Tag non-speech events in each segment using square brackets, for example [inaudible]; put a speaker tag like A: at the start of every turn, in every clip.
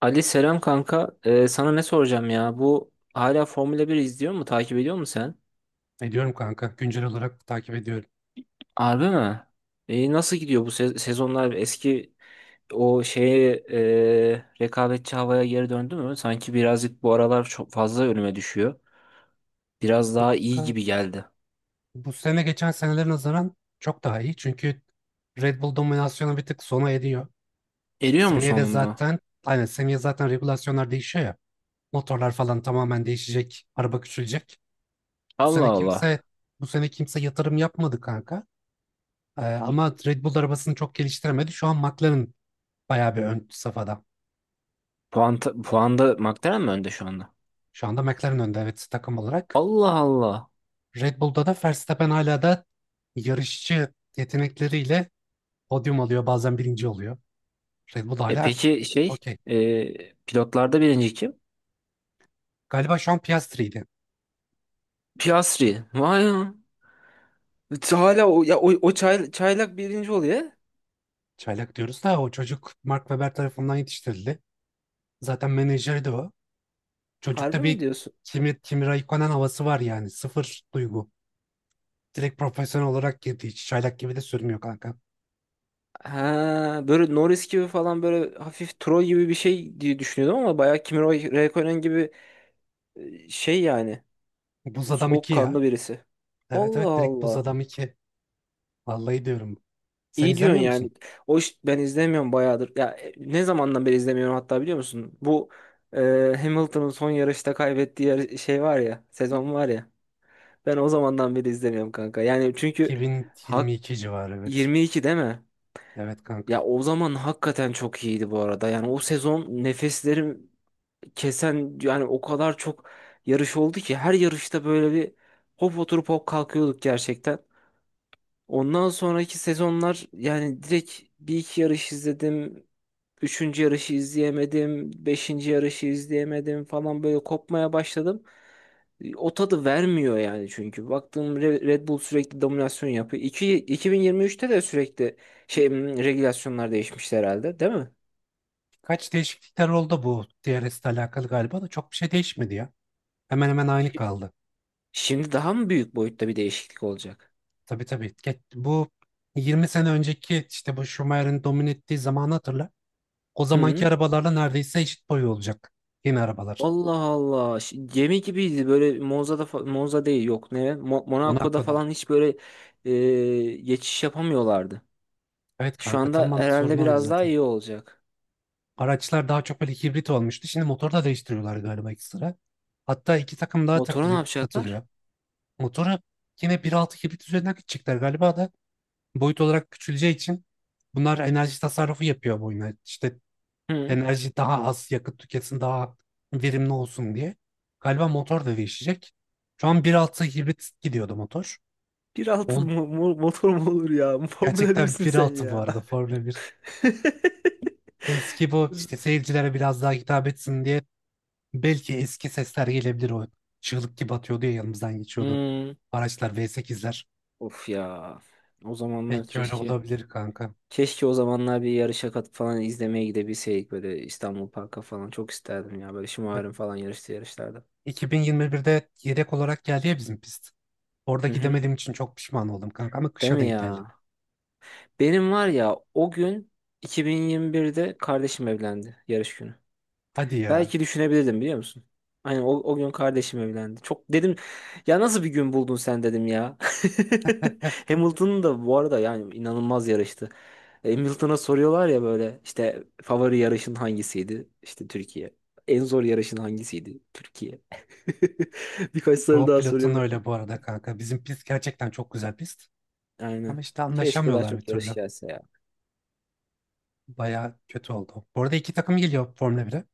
A: Ali selam kanka. Sana ne soracağım ya? Bu hala Formula 1 izliyor mu? Takip ediyor musun sen?
B: Ediyorum kanka. Güncel olarak takip ediyorum.
A: Harbi mi? Nasıl gidiyor bu sezonlar? Eski o şeye rekabetçi havaya geri döndü mü? Sanki birazcık bu aralar çok fazla önüme düşüyor. Biraz daha iyi
B: Kanka,
A: gibi geldi.
B: bu sene geçen senelere nazaran çok daha iyi, çünkü Red Bull dominasyonu bir tık sona ediyor.
A: Eriyor mu
B: Seneye de
A: sonunda?
B: zaten aynen, seneye regülasyonlar değişiyor ya. Motorlar falan tamamen değişecek. Araba küçülecek. Bu
A: Allah
B: sene
A: Allah.
B: kimse bu sene kimse yatırım yapmadı kanka. Ama Red Bull arabasını çok geliştiremedi. Şu an McLaren bayağı bir ön safhada.
A: Puanda McLaren mi önde şu anda?
B: Şu anda McLaren önde, evet, takım olarak.
A: Allah Allah.
B: Red Bull'da da Verstappen hala da yarışçı yetenekleriyle podyum alıyor, bazen birinci oluyor. Red Bull
A: E
B: hala
A: peki
B: okey.
A: pilotlarda birinci kim?
B: Galiba şu an Piastri'ydi.
A: Piastri. Vay ya. Hala o çaylak birinci oluyor.
B: Çaylak diyoruz da o çocuk Mark Webber tarafından yetiştirildi. Zaten menajeri de o.
A: Harbi
B: Çocukta
A: mi
B: bir
A: diyorsun?
B: Kimi Raikkonen havası var yani. Sıfır duygu. Direkt profesyonel olarak girdi. Hiç çaylak gibi de sürmüyor kanka.
A: Ha, böyle Norris gibi falan böyle hafif troll gibi bir şey diye düşünüyordum ama bayağı Kimi Räikkönen gibi yani
B: Buz Adam 2 ya.
A: soğukkanlı birisi.
B: Evet
A: Allah
B: evet, direkt Buz
A: Allah.
B: Adam 2. Vallahi diyorum. Sen
A: İyi diyorsun
B: izlemiyor musun?
A: yani. O iş ben izlemiyorum bayağıdır. Ya ne zamandan beri izlemiyorum hatta biliyor musun? Bu e, Hamilton'ın son yarışta kaybettiği şey var ya, sezon var ya. Ben o zamandan beri izlemiyorum kanka. Yani çünkü hak
B: 2022 civarı evet.
A: 22 değil mi?
B: Evet kanka.
A: Ya o zaman hakikaten çok iyiydi bu arada. Yani o sezon nefeslerim kesen yani o kadar çok yarış oldu ki her yarışta böyle bir hop oturup hop kalkıyorduk gerçekten. Ondan sonraki sezonlar yani direkt bir iki yarış izledim. Üçüncü yarışı izleyemedim. Beşinci yarışı izleyemedim falan böyle kopmaya başladım. O tadı vermiyor yani çünkü. Baktığım Red Bull sürekli dominasyon yapıyor. 2023'te de sürekli regülasyonlar değişmişti herhalde değil mi?
B: Kaç değişiklikler oldu bu DRS ile alakalı galiba da çok bir şey değişmedi ya. Hemen hemen aynı
A: Şi-
B: kaldı.
A: Şimdi daha mı büyük boyutta bir değişiklik olacak?
B: Tabii tabii. Bu 20 sene önceki işte bu Schumacher'in domine ettiği zamanı hatırla. O zamanki
A: Hı.
B: arabalarla neredeyse eşit boyu olacak yeni arabalar.
A: Allah Allah. Gemi gibiydi böyle Monza'da Monza değil yok ne? Monaco'da
B: Monaco'dan.
A: falan hiç böyle geçiş yapamıyorlardı.
B: Evet
A: Şu
B: kanka,
A: anda
B: tamamen sorun
A: herhalde
B: oydu
A: biraz daha
B: zaten.
A: iyi olacak.
B: Araçlar daha çok böyle hibrit olmuştu. Şimdi motoru da değiştiriyorlar galiba ekstra. Hatta iki takım daha
A: Motoru ne
B: takılı,
A: yapacaklar?
B: atılıyor. Motoru yine 1.6 hibrit üzerinden gidecekler galiba da boyut olarak küçüleceği için bunlar enerji tasarrufu yapıyor bu oyuna. İşte
A: Hı.
B: enerji, daha az yakıt tüketsin, daha verimli olsun diye. Galiba motor da değişecek. Şu an bir altı hibrit gidiyordu motor.
A: 1.6
B: On,
A: motor mu olur ya? [laughs] Formula
B: Gerçekten
A: 1'sin
B: bir
A: sen
B: altı bu
A: ya.
B: arada Formula bir. Eski bu işte, seyircilere biraz daha hitap etsin diye belki eski sesler gelebilir o. Çığlık gibi atıyordu ya, yanımızdan geçiyordu.
A: Hı.
B: Araçlar V8'ler.
A: Of ya. O zamanlar
B: Belki öyle
A: keşke
B: olabilir kanka.
A: Keşke o zamanlar bir yarışa katıp falan izlemeye gidebilseydik böyle İstanbul Park'a falan çok isterdim ya böyle
B: Ya,
A: şımarım falan yarıştı yarışlarda.
B: 2021'de yedek olarak geldi ya bizim pist. Orada
A: Hı hı.
B: gidemediğim için çok pişman oldum kanka, ama
A: Değil
B: kışa
A: mi
B: denk geldi.
A: ya? Benim var ya o gün 2021'de kardeşim evlendi yarış günü.
B: Hadi ya.
A: Belki düşünebilirdim biliyor musun? Aynen o gün kardeşim evlendi. Çok dedim ya nasıl bir gün buldun sen dedim ya. [laughs] Hamilton'ın da bu arada yani inanılmaz yarıştı. Hamilton'a soruyorlar ya böyle işte favori yarışın hangisiydi? İşte Türkiye. En zor yarışın hangisiydi? Türkiye. [laughs] Birkaç soru
B: Çoğu
A: daha soruyor
B: pilotun
A: böyle.
B: öyle bu arada kanka. Bizim pist gerçekten çok güzel pist. Ama
A: Aynen.
B: işte
A: Keşke daha
B: anlaşamıyorlar bir
A: çok yarış
B: türlü.
A: gelse ya.
B: Baya kötü oldu. Bu arada iki takım geliyor Formula 1'e.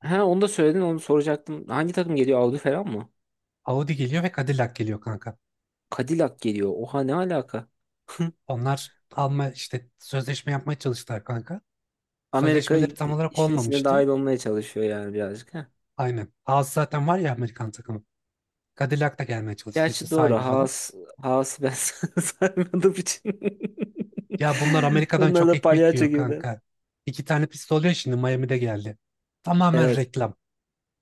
A: Ha onu da söyledin onu soracaktım. Hangi takım geliyor? Audi falan mı?
B: Audi geliyor ve Cadillac geliyor kanka.
A: Cadillac geliyor. Oha ne alaka? [laughs]
B: Onlar alma işte sözleşme yapmaya çalıştılar kanka.
A: Amerika
B: Sözleşmeleri tam olarak
A: işin içine dahil
B: olmamıştı.
A: olmaya çalışıyor yani birazcık. Ha.
B: Aynen. Haas zaten var ya, Amerikan takımı. Cadillac da gelmeye çalıştı işte,
A: Gerçi doğru.
B: sahibi falan.
A: Haas'ı ben [laughs] saymadığım için. [laughs]
B: Ya bunlar Amerika'dan
A: Onlar
B: çok
A: da
B: ekmek
A: palyaço
B: yiyor
A: gibiler.
B: kanka. İki tane pist oluyor şimdi, Miami'de geldi. Tamamen
A: Evet.
B: reklam.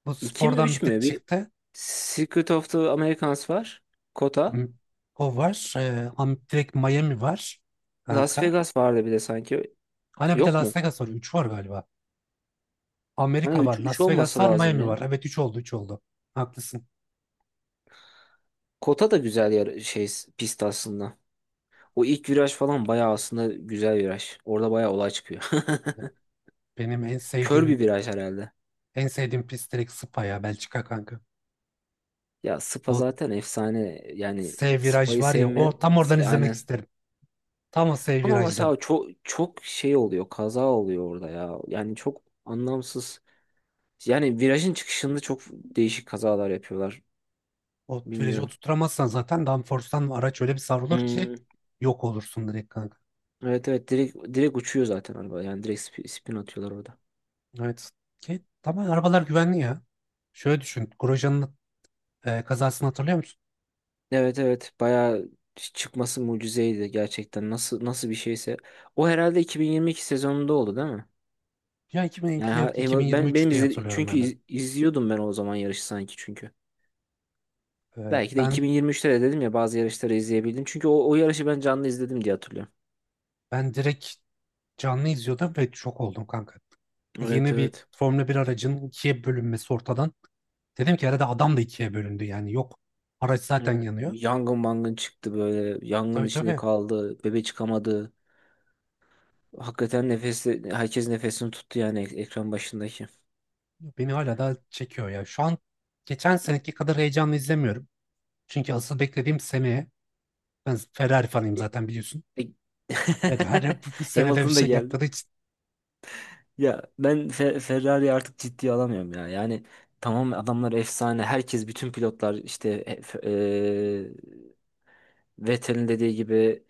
B: Bu
A: 2 mi
B: spordan bir
A: 3
B: tık
A: mü? Bir
B: çıktı.
A: Secret of the Americans var. Kota.
B: Am- O var. Am direkt Miami var
A: Las
B: kanka.
A: Vegas vardı bir de sanki.
B: Hani bir de
A: Yok mu?
B: Las Vegas var. Üç var galiba.
A: Hani
B: Amerika var.
A: 3
B: Las Vegas
A: olması
B: var.
A: lazım
B: Miami var.
A: ya.
B: Evet, 3 oldu, 3 oldu. Haklısın.
A: Kota da güzel yer pist aslında. O ilk viraj falan bayağı aslında güzel viraj. Orada bayağı olay çıkıyor.
B: Benim en
A: [laughs] Kör bir
B: sevdiğim
A: viraj herhalde.
B: en sevdiğim pist direkt Spa ya, Belçika kanka.
A: Ya Spa
B: O
A: zaten efsane. Yani
B: S viraj
A: Spa'yı
B: var ya, o
A: sevmeyen
B: tam oradan izlemek
A: aynen.
B: isterim. Tam o S
A: Ama
B: virajdan.
A: mesela çok çok oluyor. Kaza oluyor orada ya. Yani çok anlamsız. Yani virajın çıkışında çok değişik kazalar yapıyorlar.
B: O virajı
A: Bilmiyorum.
B: oturtamazsan zaten downforce'tan araç öyle bir savrulur ki
A: Hmm.
B: yok olursun direkt kanka.
A: Evet evet direkt direkt uçuyor zaten araba. Yani direkt spin atıyorlar orada.
B: Evet. Ki tamam, arabalar güvenli ya. Şöyle düşün. Grosjean'ın kazasını hatırlıyor musun?
A: Evet evet bayağı çıkması mucizeydi gerçekten. Nasıl nasıl bir şeyse. O herhalde 2022 sezonunda oldu değil mi?
B: Ya
A: Yani
B: 2022, 2023
A: benim
B: diye hatırlıyorum
A: çünkü
B: ben de.
A: izliyordum ben o zaman yarışı sanki çünkü.
B: Ee,
A: Belki de
B: ben
A: 2023'te de dedim ya bazı yarışları izleyebildim. Çünkü o yarışı ben canlı izledim diye hatırlıyorum.
B: ben direkt canlı izliyordum ve şok oldum kanka.
A: Evet
B: Yeni bir
A: evet.
B: Formula bir aracın ikiye bölünmesi ortadan. Dedim ki herhalde adam da ikiye bölündü, yani yok. Araç zaten
A: Evet.
B: yanıyor.
A: Yangın mangın çıktı böyle. Yangın
B: Tabii
A: içinde
B: tabii,
A: kaldı. Bebe çıkamadı. Hakikaten herkes nefesini tuttu yani ekran başındaki.
B: beni hala da çekiyor ya. Şu an geçen seneki kadar heyecanlı izlemiyorum. Çünkü asıl beklediğim seneye, ben Ferrari fanıyım
A: E-
B: zaten biliyorsun.
A: e-
B: Ferrari bu
A: [laughs]
B: senede bir
A: Hamilton da
B: şey yapmadığı
A: geldi.
B: için
A: Ya ben Ferrari artık ciddiye alamıyorum ya. Yani tamam adamlar efsane. Herkes bütün pilotlar işte Vettel'in dediği gibi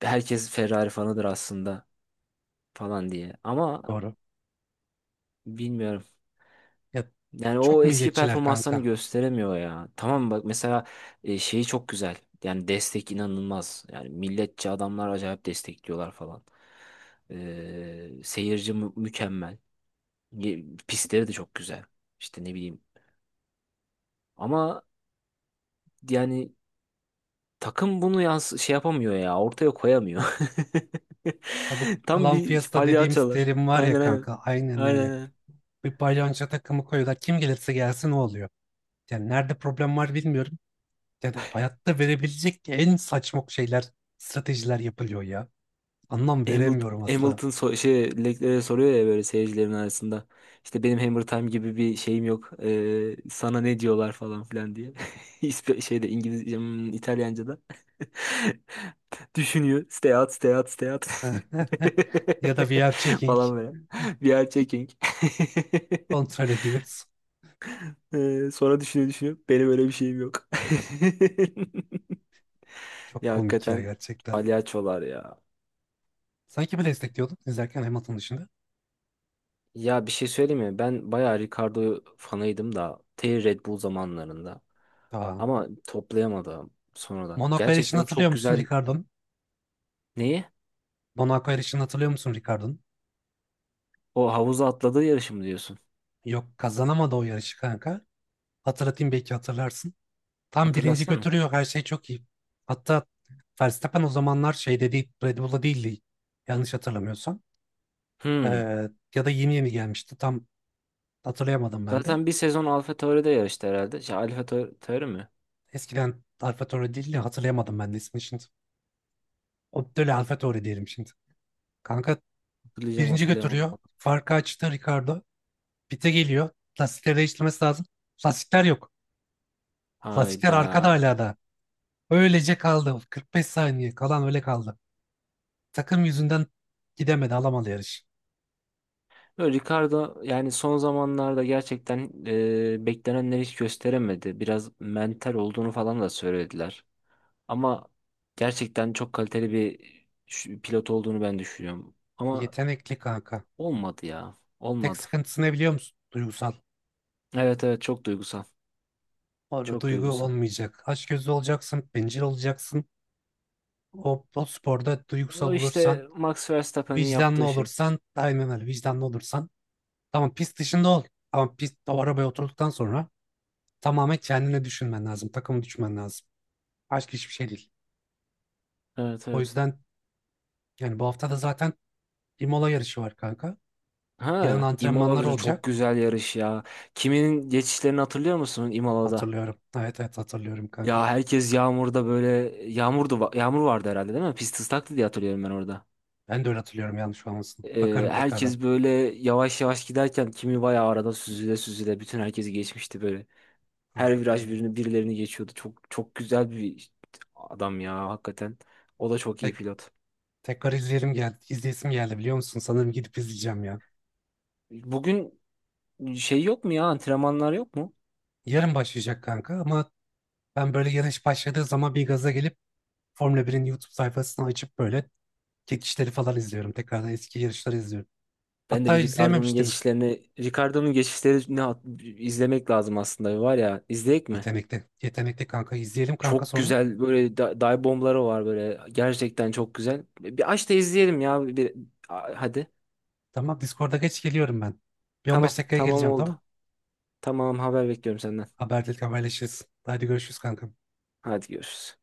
A: herkes Ferrari fanıdır aslında falan diye. Ama
B: doğru.
A: bilmiyorum.
B: Ya
A: Yani
B: çok
A: o eski
B: milliyetçiler
A: performanslarını
B: kanka.
A: gösteremiyor ya. Tamam bak mesela şeyi çok güzel. Yani destek inanılmaz. Yani milletçi adamlar acayip destekliyorlar falan. Seyirci mükemmel. Pistleri de çok güzel. İşte ne bileyim. Ama yani takım bunu yans şey yapamıyor ya. Ortaya koyamıyor. [laughs]
B: Ya bu
A: Tam
B: Clan
A: bir
B: Fiesta dediğimiz
A: palyaçolar.
B: terim var ya
A: Aynen aynen.
B: kanka, aynen
A: Aynen
B: öyle.
A: aynen.
B: Bir balyonca takımı koyuyorlar. Kim gelirse gelsin o oluyor. Yani nerede problem var bilmiyorum. Yani hayatta verebilecek en saçma şeyler, stratejiler yapılıyor ya. Anlam
A: Hamilton,
B: veremiyorum asla.
A: Hamilton Leclerc'e soruyor ya böyle seyircilerin arasında. İşte benim Hammer Time gibi bir şeyim yok. Sana ne diyorlar falan filan diye. [laughs] Şeyde İngilizce, İtalyanca'da. [laughs] Düşünüyor. Stay out, stay out, stay out. [laughs]
B: [laughs] Ya da VR checking,
A: falan böyle. We are checking. [laughs]
B: kontrol ediyoruz.
A: Sonra düşünüyor düşünüyor. Benim öyle bir şeyim yok. [laughs]
B: Çok
A: Ya
B: komik ya
A: hakikaten
B: gerçekten.
A: palyaçolar ya.
B: Sanki bir destekliyordun izlerken Hamilton dışında.
A: Ya bir şey söyleyeyim mi? Ben bayağı Ricardo fanıydım da Red Bull zamanlarında.
B: Aa,
A: Ama toplayamadım sonradan.
B: Monaco yarışını
A: Gerçekten
B: hatırlıyor
A: çok
B: musun
A: güzel
B: Ricardo?
A: neyi?
B: Monaco yarışını hatırlıyor musun Ricardo'nun?
A: O havuza atladığı yarışı mı diyorsun?
B: Yok, kazanamadı o yarışı kanka. Hatırlatayım, belki hatırlarsın. Tam birinci
A: Hatırlatsana.
B: götürüyor, her şey çok iyi. Hatta Verstappen o zamanlar şeyde değil, Red Bull'da değildi yanlış hatırlamıyorsam.
A: Hmm.
B: Ee, Ya da yeni yeni gelmişti, tam hatırlayamadım ben de.
A: Zaten bir sezon AlphaTauri'de yarıştı herhalde. Şey, AlphaTauri mi?
B: Eskiden AlphaTauri değil de hatırlayamadım ben de ismini şimdi. O böyle AlphaTauri diyelim şimdi. Kanka
A: Hatırlayacağım
B: birinci
A: hatırlayamadım.
B: götürüyor. Farkı açtı Ricardo. Pite geliyor. Lastikleri değiştirmesi lazım. Lastikler yok. Lastikler
A: Hayda.
B: arkada hala da. Öylece kaldı. 45 saniye kalan öyle kaldı. Takım yüzünden gidemedi, alamadı yarış.
A: Böyle Ricardo yani son zamanlarda gerçekten beklenenleri hiç gösteremedi. Biraz mental olduğunu falan da söylediler. Ama gerçekten çok kaliteli bir pilot olduğunu ben düşünüyorum. Ama
B: Yetenekli kanka.
A: olmadı ya.
B: Tek
A: Olmadı.
B: sıkıntısı ne biliyor musun? Duygusal.
A: Evet evet çok duygusal.
B: Orada
A: Çok
B: duygu
A: duygusal.
B: olmayacak. Açgözlü olacaksın, bencil olacaksın. O sporda duygusal
A: O
B: olursan,
A: işte Max Verstappen'in
B: vicdanlı
A: yaptığı şey.
B: olursan, aynen öyle, vicdanlı olursan. Tamam, pist dışında ol. Ama pist o arabaya oturduktan sonra tamamen kendine düşünmen lazım. Takımı düşünmen lazım. Başka hiçbir şey değil.
A: Evet
B: O
A: evet.
B: yüzden yani bu hafta da zaten Imola yarışı var kanka. Yarın
A: Ha,
B: antrenmanlar
A: Imola'da çok
B: olacak.
A: güzel yarış ya. Kiminin geçişlerini hatırlıyor musun Imola'da?
B: Hatırlıyorum. Evet evet, hatırlıyorum kanka.
A: Ya herkes yağmurda böyle yağmur vardı herhalde değil mi? Pist ıslaktı diye hatırlıyorum ben orada.
B: Ben de öyle hatırlıyorum, yanlış olmasın. Bakarım tekrardan.
A: Herkes böyle yavaş yavaş giderken kimi bayağı arada süzüle süzüle bütün herkesi geçmişti böyle. Her
B: Kanka.
A: viraj birilerini geçiyordu. Çok çok güzel bir adam ya hakikaten. O da çok iyi
B: Tek,
A: pilot.
B: tekrar izleyelim geldi. İzleyesim geldi biliyor musun? Sanırım gidip izleyeceğim ya.
A: Bugün şey yok mu ya antrenmanlar yok mu?
B: Yarın başlayacak kanka, ama ben böyle yarış başladığı zaman bir gaza gelip Formula 1'in YouTube sayfasını açıp böyle çekişleri falan izliyorum. Tekrardan eski yarışları izliyorum.
A: Ben de
B: Hatta
A: bir Ricardo'nun
B: izleyememiştin.
A: geçişlerini Ricardo'nun geçişlerini izlemek lazım aslında var ya izleyek mi?
B: Yetenekte, yetenekte kanka. İzleyelim kanka
A: Çok
B: sonra.
A: güzel böyle dive bombları var böyle gerçekten çok güzel. Bir aç da izleyelim ya bir, hadi.
B: Tamam, Discord'a geç geliyorum ben. Bir
A: Tamam
B: 15 dakikaya
A: tamam
B: geleceğim,
A: oldu.
B: tamam.
A: Tamam haber bekliyorum senden.
B: Haberleşiriz. Hadi görüşürüz kanka.
A: Hadi görüşürüz.